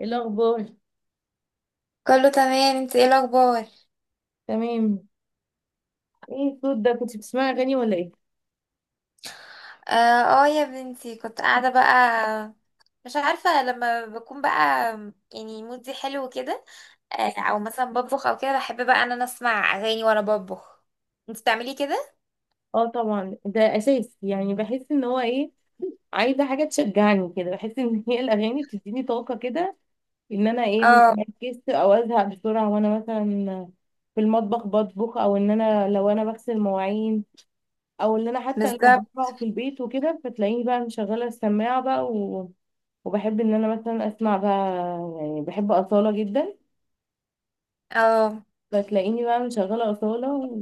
إيه الاخبار؟ كله تمام. انت ايه الاخبار؟ تمام. ايه الصوت ده، كنت بتسمعي اغاني ولا ايه؟ اه. آه، يا بنتي كنت قاعده بقى. مش عارفه لما بكون بقى، يعني مودي حلو كده. او مثلا بطبخ او كده، بحب بقى ان انا اسمع اغاني وانا بطبخ. انت بتعملي كده؟ اه، طبعا ده اساس، يعني بحس ان هو ايه، عايزه حاجه تشجعني كده، بحس ان هي الاغاني بتديني طاقه كده، ان انا ايه، اه، مركز او ازهق بسرعه، وانا مثلا في المطبخ بطبخ، او ان انا لو انا بغسل مواعين، او ان انا حتى لو بالظبط. بقرا في البيت وكده، فتلاقيني بقى مشغله السماعه بقى وبحب ان انا مثلا اسمع بقى، يعني بحب اصاله جدا، اه، فتلاقيني بقى مشغله اصاله،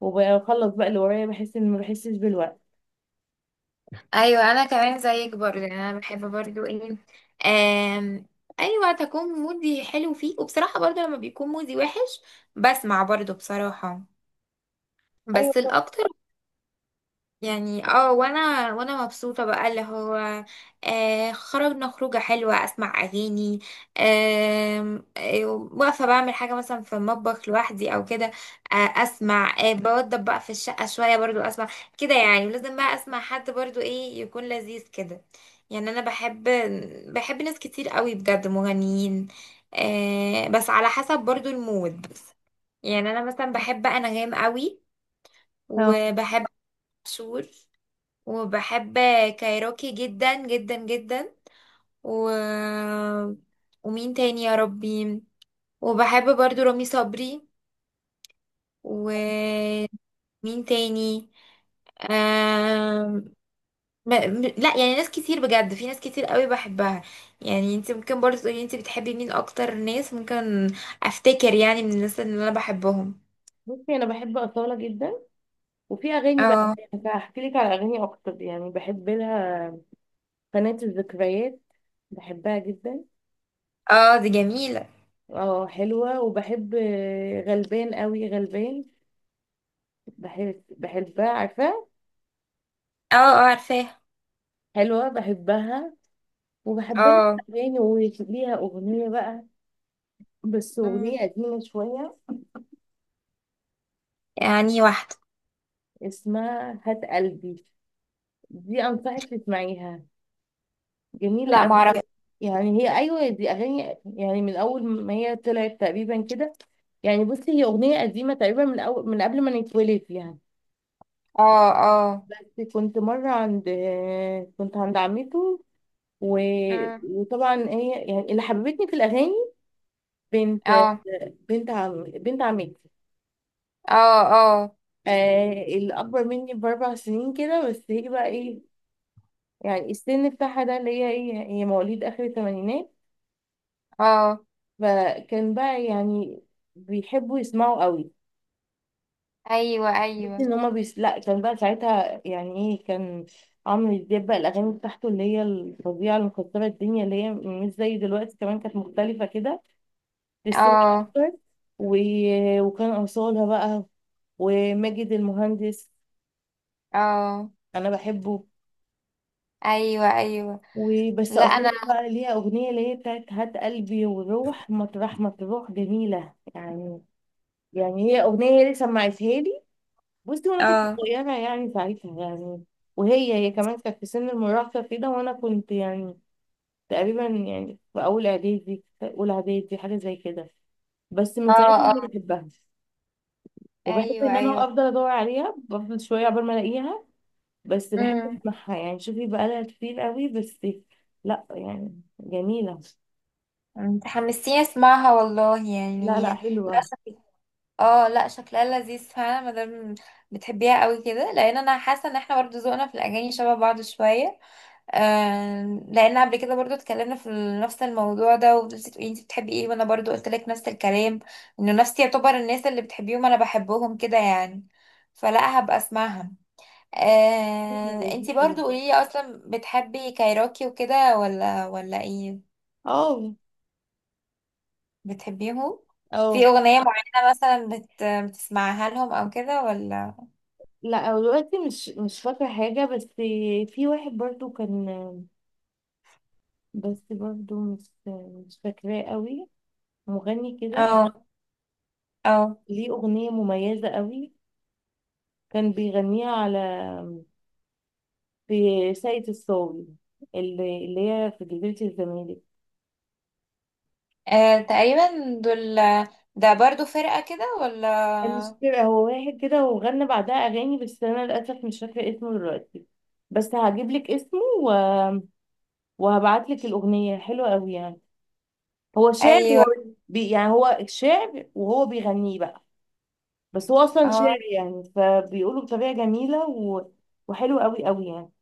وبخلص بقى اللي ورايا، بحس ان ما بحسش بالوقت. ايوه، انا كمان زيك برضه، يعني انا بحب برضه ايه. آم، اي وقت اكون مودي حلو فيه، وبصراحه برضه لما بيكون مودي وحش بسمع برضه بصراحه، ايوه، بس صح. الاكتر. يعني وانا مبسوطه بقى، اللي هو خرجنا خروجه حلوه اسمع اغاني. آم، آه واقفه بعمل حاجه مثلا في المطبخ لوحدي او كده. اسمع، بوضب بقى في الشقه شويه برضو اسمع كده يعني. ولازم بقى اسمع حد برضو ايه، يكون لذيذ كده. يعني انا بحب، بحب ناس كتير قوي بجد مغنيين. بس على حسب برضو المود. يعني انا مثلا بحب بقى انغام قوي، اه، وبحب عاشور، وبحب كايروكي جدا جدا جدا، و... ومين تاني يا ربي؟ وبحب برضو رامي صبري. ومين تاني؟ آم... ما... م- لا، يعني ناس كتير بجد، في ناس كتير قوي بحبها. يعني انت ممكن برضو تقولي، انت بتحبي مين اكتر ناس ممكن افتكر يعني من الناس اللي انا بحبهم؟ بصي، انا بحب اصاله جدا، وفي اغاني بقى اه، هحكي لك على اغاني اكتر يعني بحب لها. قناه الذكريات بحبها جدا. اه، دي جميلة. اه، حلوه، وبحب غلبان قوي، غلبان بحبها عارفه. اه، اه، عارفاها. حلوه بحبها. وبحب لها اه. اغاني، وليها اغنيه بقى، بس مم. اغنيه قديمه شويه، يعني واحدة. اسمها هات قلبي. دي انصحك تسمعيها، جميلة لا، أوي أوي. معرفة. يعني هي، أيوة، دي أغاني يعني من أول ما هي طلعت تقريبا كده. يعني بصي، هي أغنية قديمة تقريبا من أول، من قبل ما نتولد يعني. اه، اه. بس كنت عند عمته و... مم. وطبعا هي يعني اللي حببتني في الأغاني، بنت اه، بنت عمتي اه، اه، آه اللي أكبر مني بأربع سنين كده. بس هي بقى إيه، يعني السن بتاعها ده اللي هي إيه، هي مواليد آخر الثمانينات. اه. فكان بقى يعني بيحبوا يسمعوا قوي. ايوه، تحس ايوه. ان هما لا، كان بقى ساعتها يعني ايه، كان عمرو دياب بقى، الاغاني بتاعته اللي هي الفظيعه اللي مكسره الدنيا، اللي هي مش زي دلوقتي، كمان كانت مختلفه كده، للست اه، اكتر. و... وكان اصالها بقى، وماجد المهندس، اه. انا بحبه. ايوه، ايوه. وبس لا، انا. اصالها بقى ليها اغنيه اللي هي بتاعت هات قلبي، والروح مطرح ما تروح، جميله يعني. يعني هي اغنيه هي اللي سمعتها لي، بصي، وانا كنت اه، صغيره يعني ساعتها يعني. وهي كمان كانت في سن المراهقه كده، وانا كنت يعني تقريبا يعني في اولى اعدادي، حاجه زي كده. بس من ساعتها اه، انا اه. بحبها، وبحب ان ايوه، ايوه. انا افضل ادور عليها، بفضل شويه عقبال ما الاقيها، بس بحب امم. اسمعها يعني. شوفي بقى لها كتير قوي، بس لا يعني جميله. انت حمستيني اسمعها والله لا يعني. لا، لا، حلوه. شكل، اه، لا شكلها لذيذ فعلا، ما دام بتحبيها قوي كده، لان انا حاسه ان احنا برضو ذوقنا في الاغاني شبه بعض شويه. آه، لان قبل كده برضو اتكلمنا في نفس الموضوع ده، وقلت لي انت بتحبي ايه، وانا برضو قلت لك نفس الكلام، انه نفسي يعتبر الناس اللي بتحبيهم انا بحبهم كده يعني، فلا هبقى اسمعها. حلوة، انت لذيذة. برضو قولي لي، اصلا بتحبي كايروكي وكده ولا ايه؟ اه، بتحبيهم في اه. اغنية معينة مثلا بتسمعها لهم او كده ولا؟ لا، أو دلوقتي مش فاكره حاجه، بس في واحد برضو كان، بس برضو مش فاكراه قوي، مغني كده، اه، اه. ليه أغنية مميزة قوي، كان بيغنيها على، في ساقية الصاوي، اللي هي في جزيرة الزمالك. تقريبا دول، ده برضو فرقة كده ولا؟ كان، مش فاكرة، هو واحد كده وغنى بعدها أغاني، بس أنا للأسف مش فاكرة اسمه دلوقتي. بس هجيب لك اسمه وهبعت لك الأغنية، حلوة قوي يعني. هو شعر، هو ايوه، يعني هو شعر وهو بيغنيه بقى، بس هو اصلا اه. شعر يعني فبيقولوا بطريقه جميله وحلو قوي قوي يعني.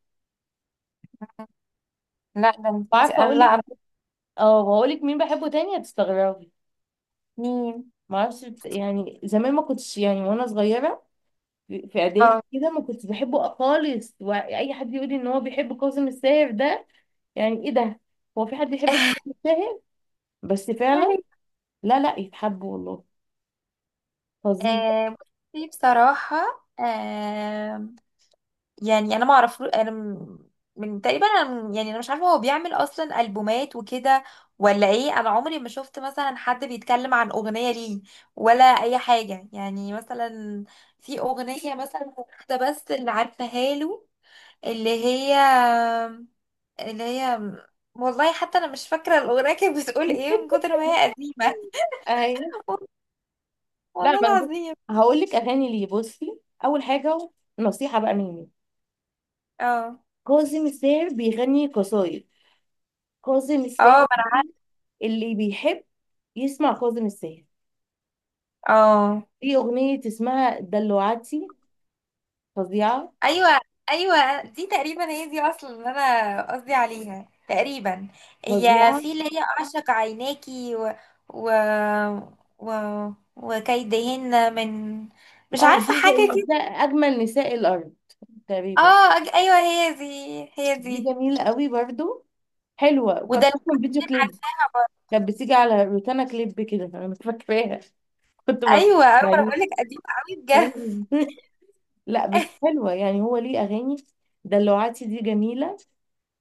لا، ده انت، وعارفه انا، اقول لا لك، انا اه، هقول لك مين بحبه تاني، هتستغربي. سنين، ما اعرفش، يعني زمان ما كنتش يعني، وانا صغيره في اه. اعدادي كده، ما كنتش بحبه خالص. واي حد يقول لي ان هو بيحب كاظم الساهر ده، يعني ايه ده؟ هو في حد يحب كاظم الساهر؟ بس فعلا، لا لا، يتحب والله، فظيع. آه، بصي بصراحة، يعني أنا ما أعرف، من تقريبا أنا، يعني أنا مش عارفة هو بيعمل أصلا ألبومات وكده ولا إيه، أنا عمري ما شفت مثلا حد بيتكلم عن أغنية ليه، ولا أي حاجة، يعني مثلا في أغنية مثلا واحدة بس اللي عارفاها له، اللي هي اللي هي والله حتى أنا مش فاكرة الأغنية كانت بتقول إيه من كتر ما هي قديمة. ايوه. لا، والله ما انا العظيم. هقول لك اغاني ليه، بصي. اول حاجه، نصيحه بقى مني، اه، كاظم الساهر بيغني قصايد. كاظم الساهر اه، ده، اللي بيحب يسمع كاظم الساهر، اه، في أغنية اسمها دلوعتي، فظيعة، ايوه، ايوه، دي تقريبا هي دي اصلا اللي انا قصدي عليها تقريبا. هي فظيعة. في اللي هي اعشق عيناكي، و و و وكيدهن، مش اه، عارفه دي زي حاجه كده. نساء، أجمل نساء الأرض، تقريبا. اه، ايوه، هي دي، هي دي دي. جميلة قوي برضو، حلوة، وده وكانت اللي أصلا فيديو أنا كليب، عارفاها برضه. كانت بتيجي على روتانا كليب كده، أنا مش فاكراها. كنت بتفرج ايوه، ايوه، انا عليه. بقول لك قديم قوي بجد. لا، بس حلوة يعني، هو ليه أغاني. دلوعتي دي جميلة،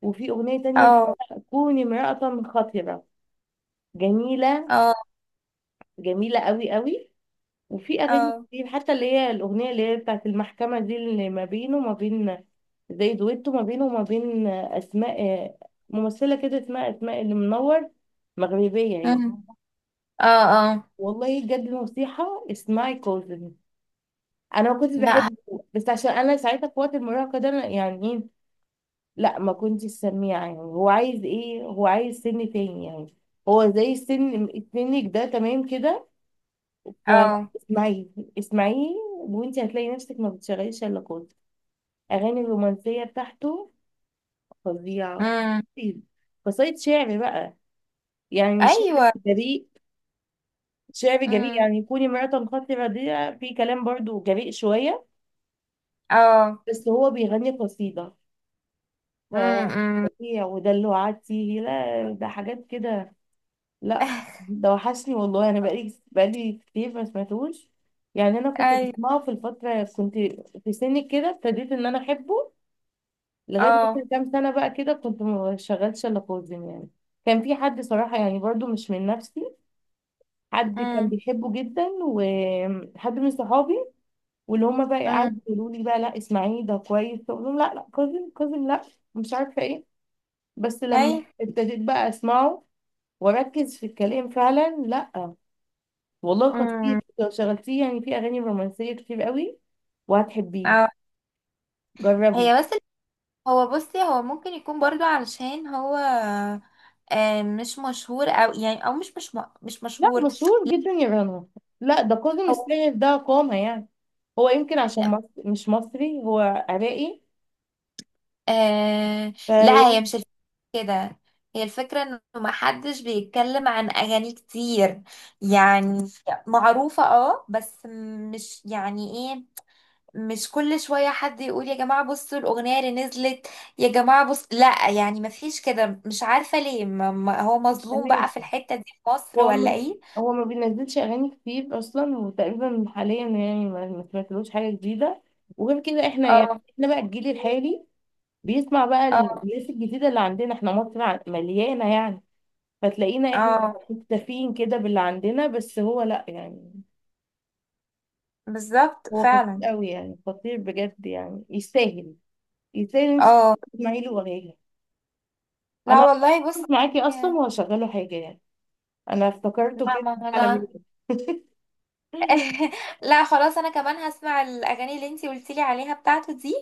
وفي أغنية تانية، اه، كوني امرأة خطرة، جميلة، اه، جميلة قوي قوي. وفي أغاني اه. كتير، حتى اللي هي الأغنية اللي هي بتاعت المحكمة دي، اللي ما بينه وما بين، زي دويتو ما بينه وما بين أسماء، ممثلة كده اسمها أسماء اللي منور، مغربية هي. أمم. اه، اه، والله بجد، الموسيقى، اسمعي كوزن. أنا ما كنتش لا، بحبه، بس عشان أنا ساعتها في وقت المراهقة ده، أنا يعني إيه، لا ما كنتش سميعة يعني، هو عايز إيه، هو عايز سن تاني يعني. هو زي السن، سنك ده تمام كده. اه. فاسمعيه، اسمعيه، وانت هتلاقي نفسك ما بتشغليش الا كود، اغاني الرومانسيه بتاعته، فظيعه. امم. طيب. قصايد شعر بقى، يعني شعر ايوه. جريء، شعر جريء. امم. يعني كوني امرأة خاطرة دي، في كلام برضو جريء شوية، اه. بس هو بيغني قصيدة ف امم. أمم. فظيع. ودلوعتي، لا ده حاجات كده، لا. ده وحشني والله، انا بقالي كتير ما سمعتوش يعني. انا كنت اي، بسمعه في الفترة، كنت في سنك كده، ابتديت ان انا احبه لغاية اه. مثلا كام سنة بقى كده، كنت ما شغلتش إلا خوزن يعني. كان في حد صراحة يعني، برضو مش من نفسي، حد كان امم. بيحبه جدا، وحد من صحابي، واللي هما بقى امم. قعدوا يقولوا لي بقى، لا اسمعيه ده كويس، فأقول لهم، لا لا، كوزن كوزن لا، مش عارفة ايه. بس اي. لما ابتديت بقى اسمعه واركز في الكلام فعلا، لا والله خطير. امم. لو شغلتيه يعني في اغاني رومانسية كتير قوي وهتحبيه، اه. جربي. هي بس، هو بصي، هو ممكن يكون برضو علشان هو مش مشهور، او يعني، او مش لا، مشهور. مشهور جدا يا رنا، لا ده كاظم هو، الساهر ده قامة يعني. هو يمكن عشان لا. مش مصري، هو عراقي، آه لا، هي فيعني. مش الفكرة كده. هي الفكرة انه محدش بيتكلم عن اغاني كتير، يعني معروفة اه، بس مش يعني إيه، مش كل شوية حد يقول يا جماعة بصوا الأغنية اللي نزلت، يا جماعة بص، لا، يعني مفيش كده، مش عارفة ليه، هو مظلوم بقى تمام. في الحتة دي في مصر هو ولا م- ايه؟ هو ما بينزلش اغاني كتير اصلا، وتقريبا حاليا يعني ما سمعتلوش حاجه جديده. وغير كده احنا يعني اه، احنا بقى الجيل الحالي بيسمع بقى اه، الناس الجديده اللي عندنا احنا، مصر مليانه يعني. فتلاقينا احنا اه، مكتفيين كده باللي عندنا، بس هو لا يعني، بالظبط هو خطير فعلا. قوي يعني، خطير بجد يعني، يستاهل، يستاهل إن انت اه، تسمعي له اغاني. انا لا والله، بص. هقف معاكي اصلا يا- وهشغله حاجه يعني، انا افتكرته لا، كده، ما جه على بالي. انا. لا خلاص، انا كمان هسمع الاغاني اللي انتي قلتيلي عليها بتاعته دي،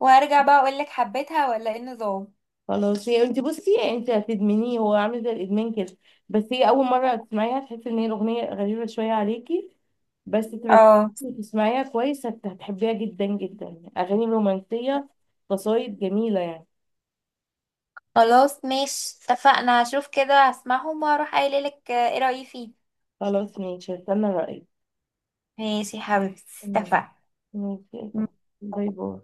وهرجع بقى اقولك حبيتها ولا ايه النظام. خلاص، هي انت بصي، انت هتدمنيه، هو عامل زي الادمان كده. بس هي اول مره تسمعيها تحسي ان هي الاغنيه غريبه شويه عليكي، بس تركزي اه وتسمعيها كويس هتحبيها جدا جدا، اغاني رومانسيه، قصايد جميله يعني. خلاص، ماشي، اتفقنا، هشوف كده، هسمعهم واروح قايلة لك ايه رأيي فيه. خلاص ماشي، هستنى رايك. ماشي يا حبيبتي. مم. اتفقنا. ماشي. باي باي.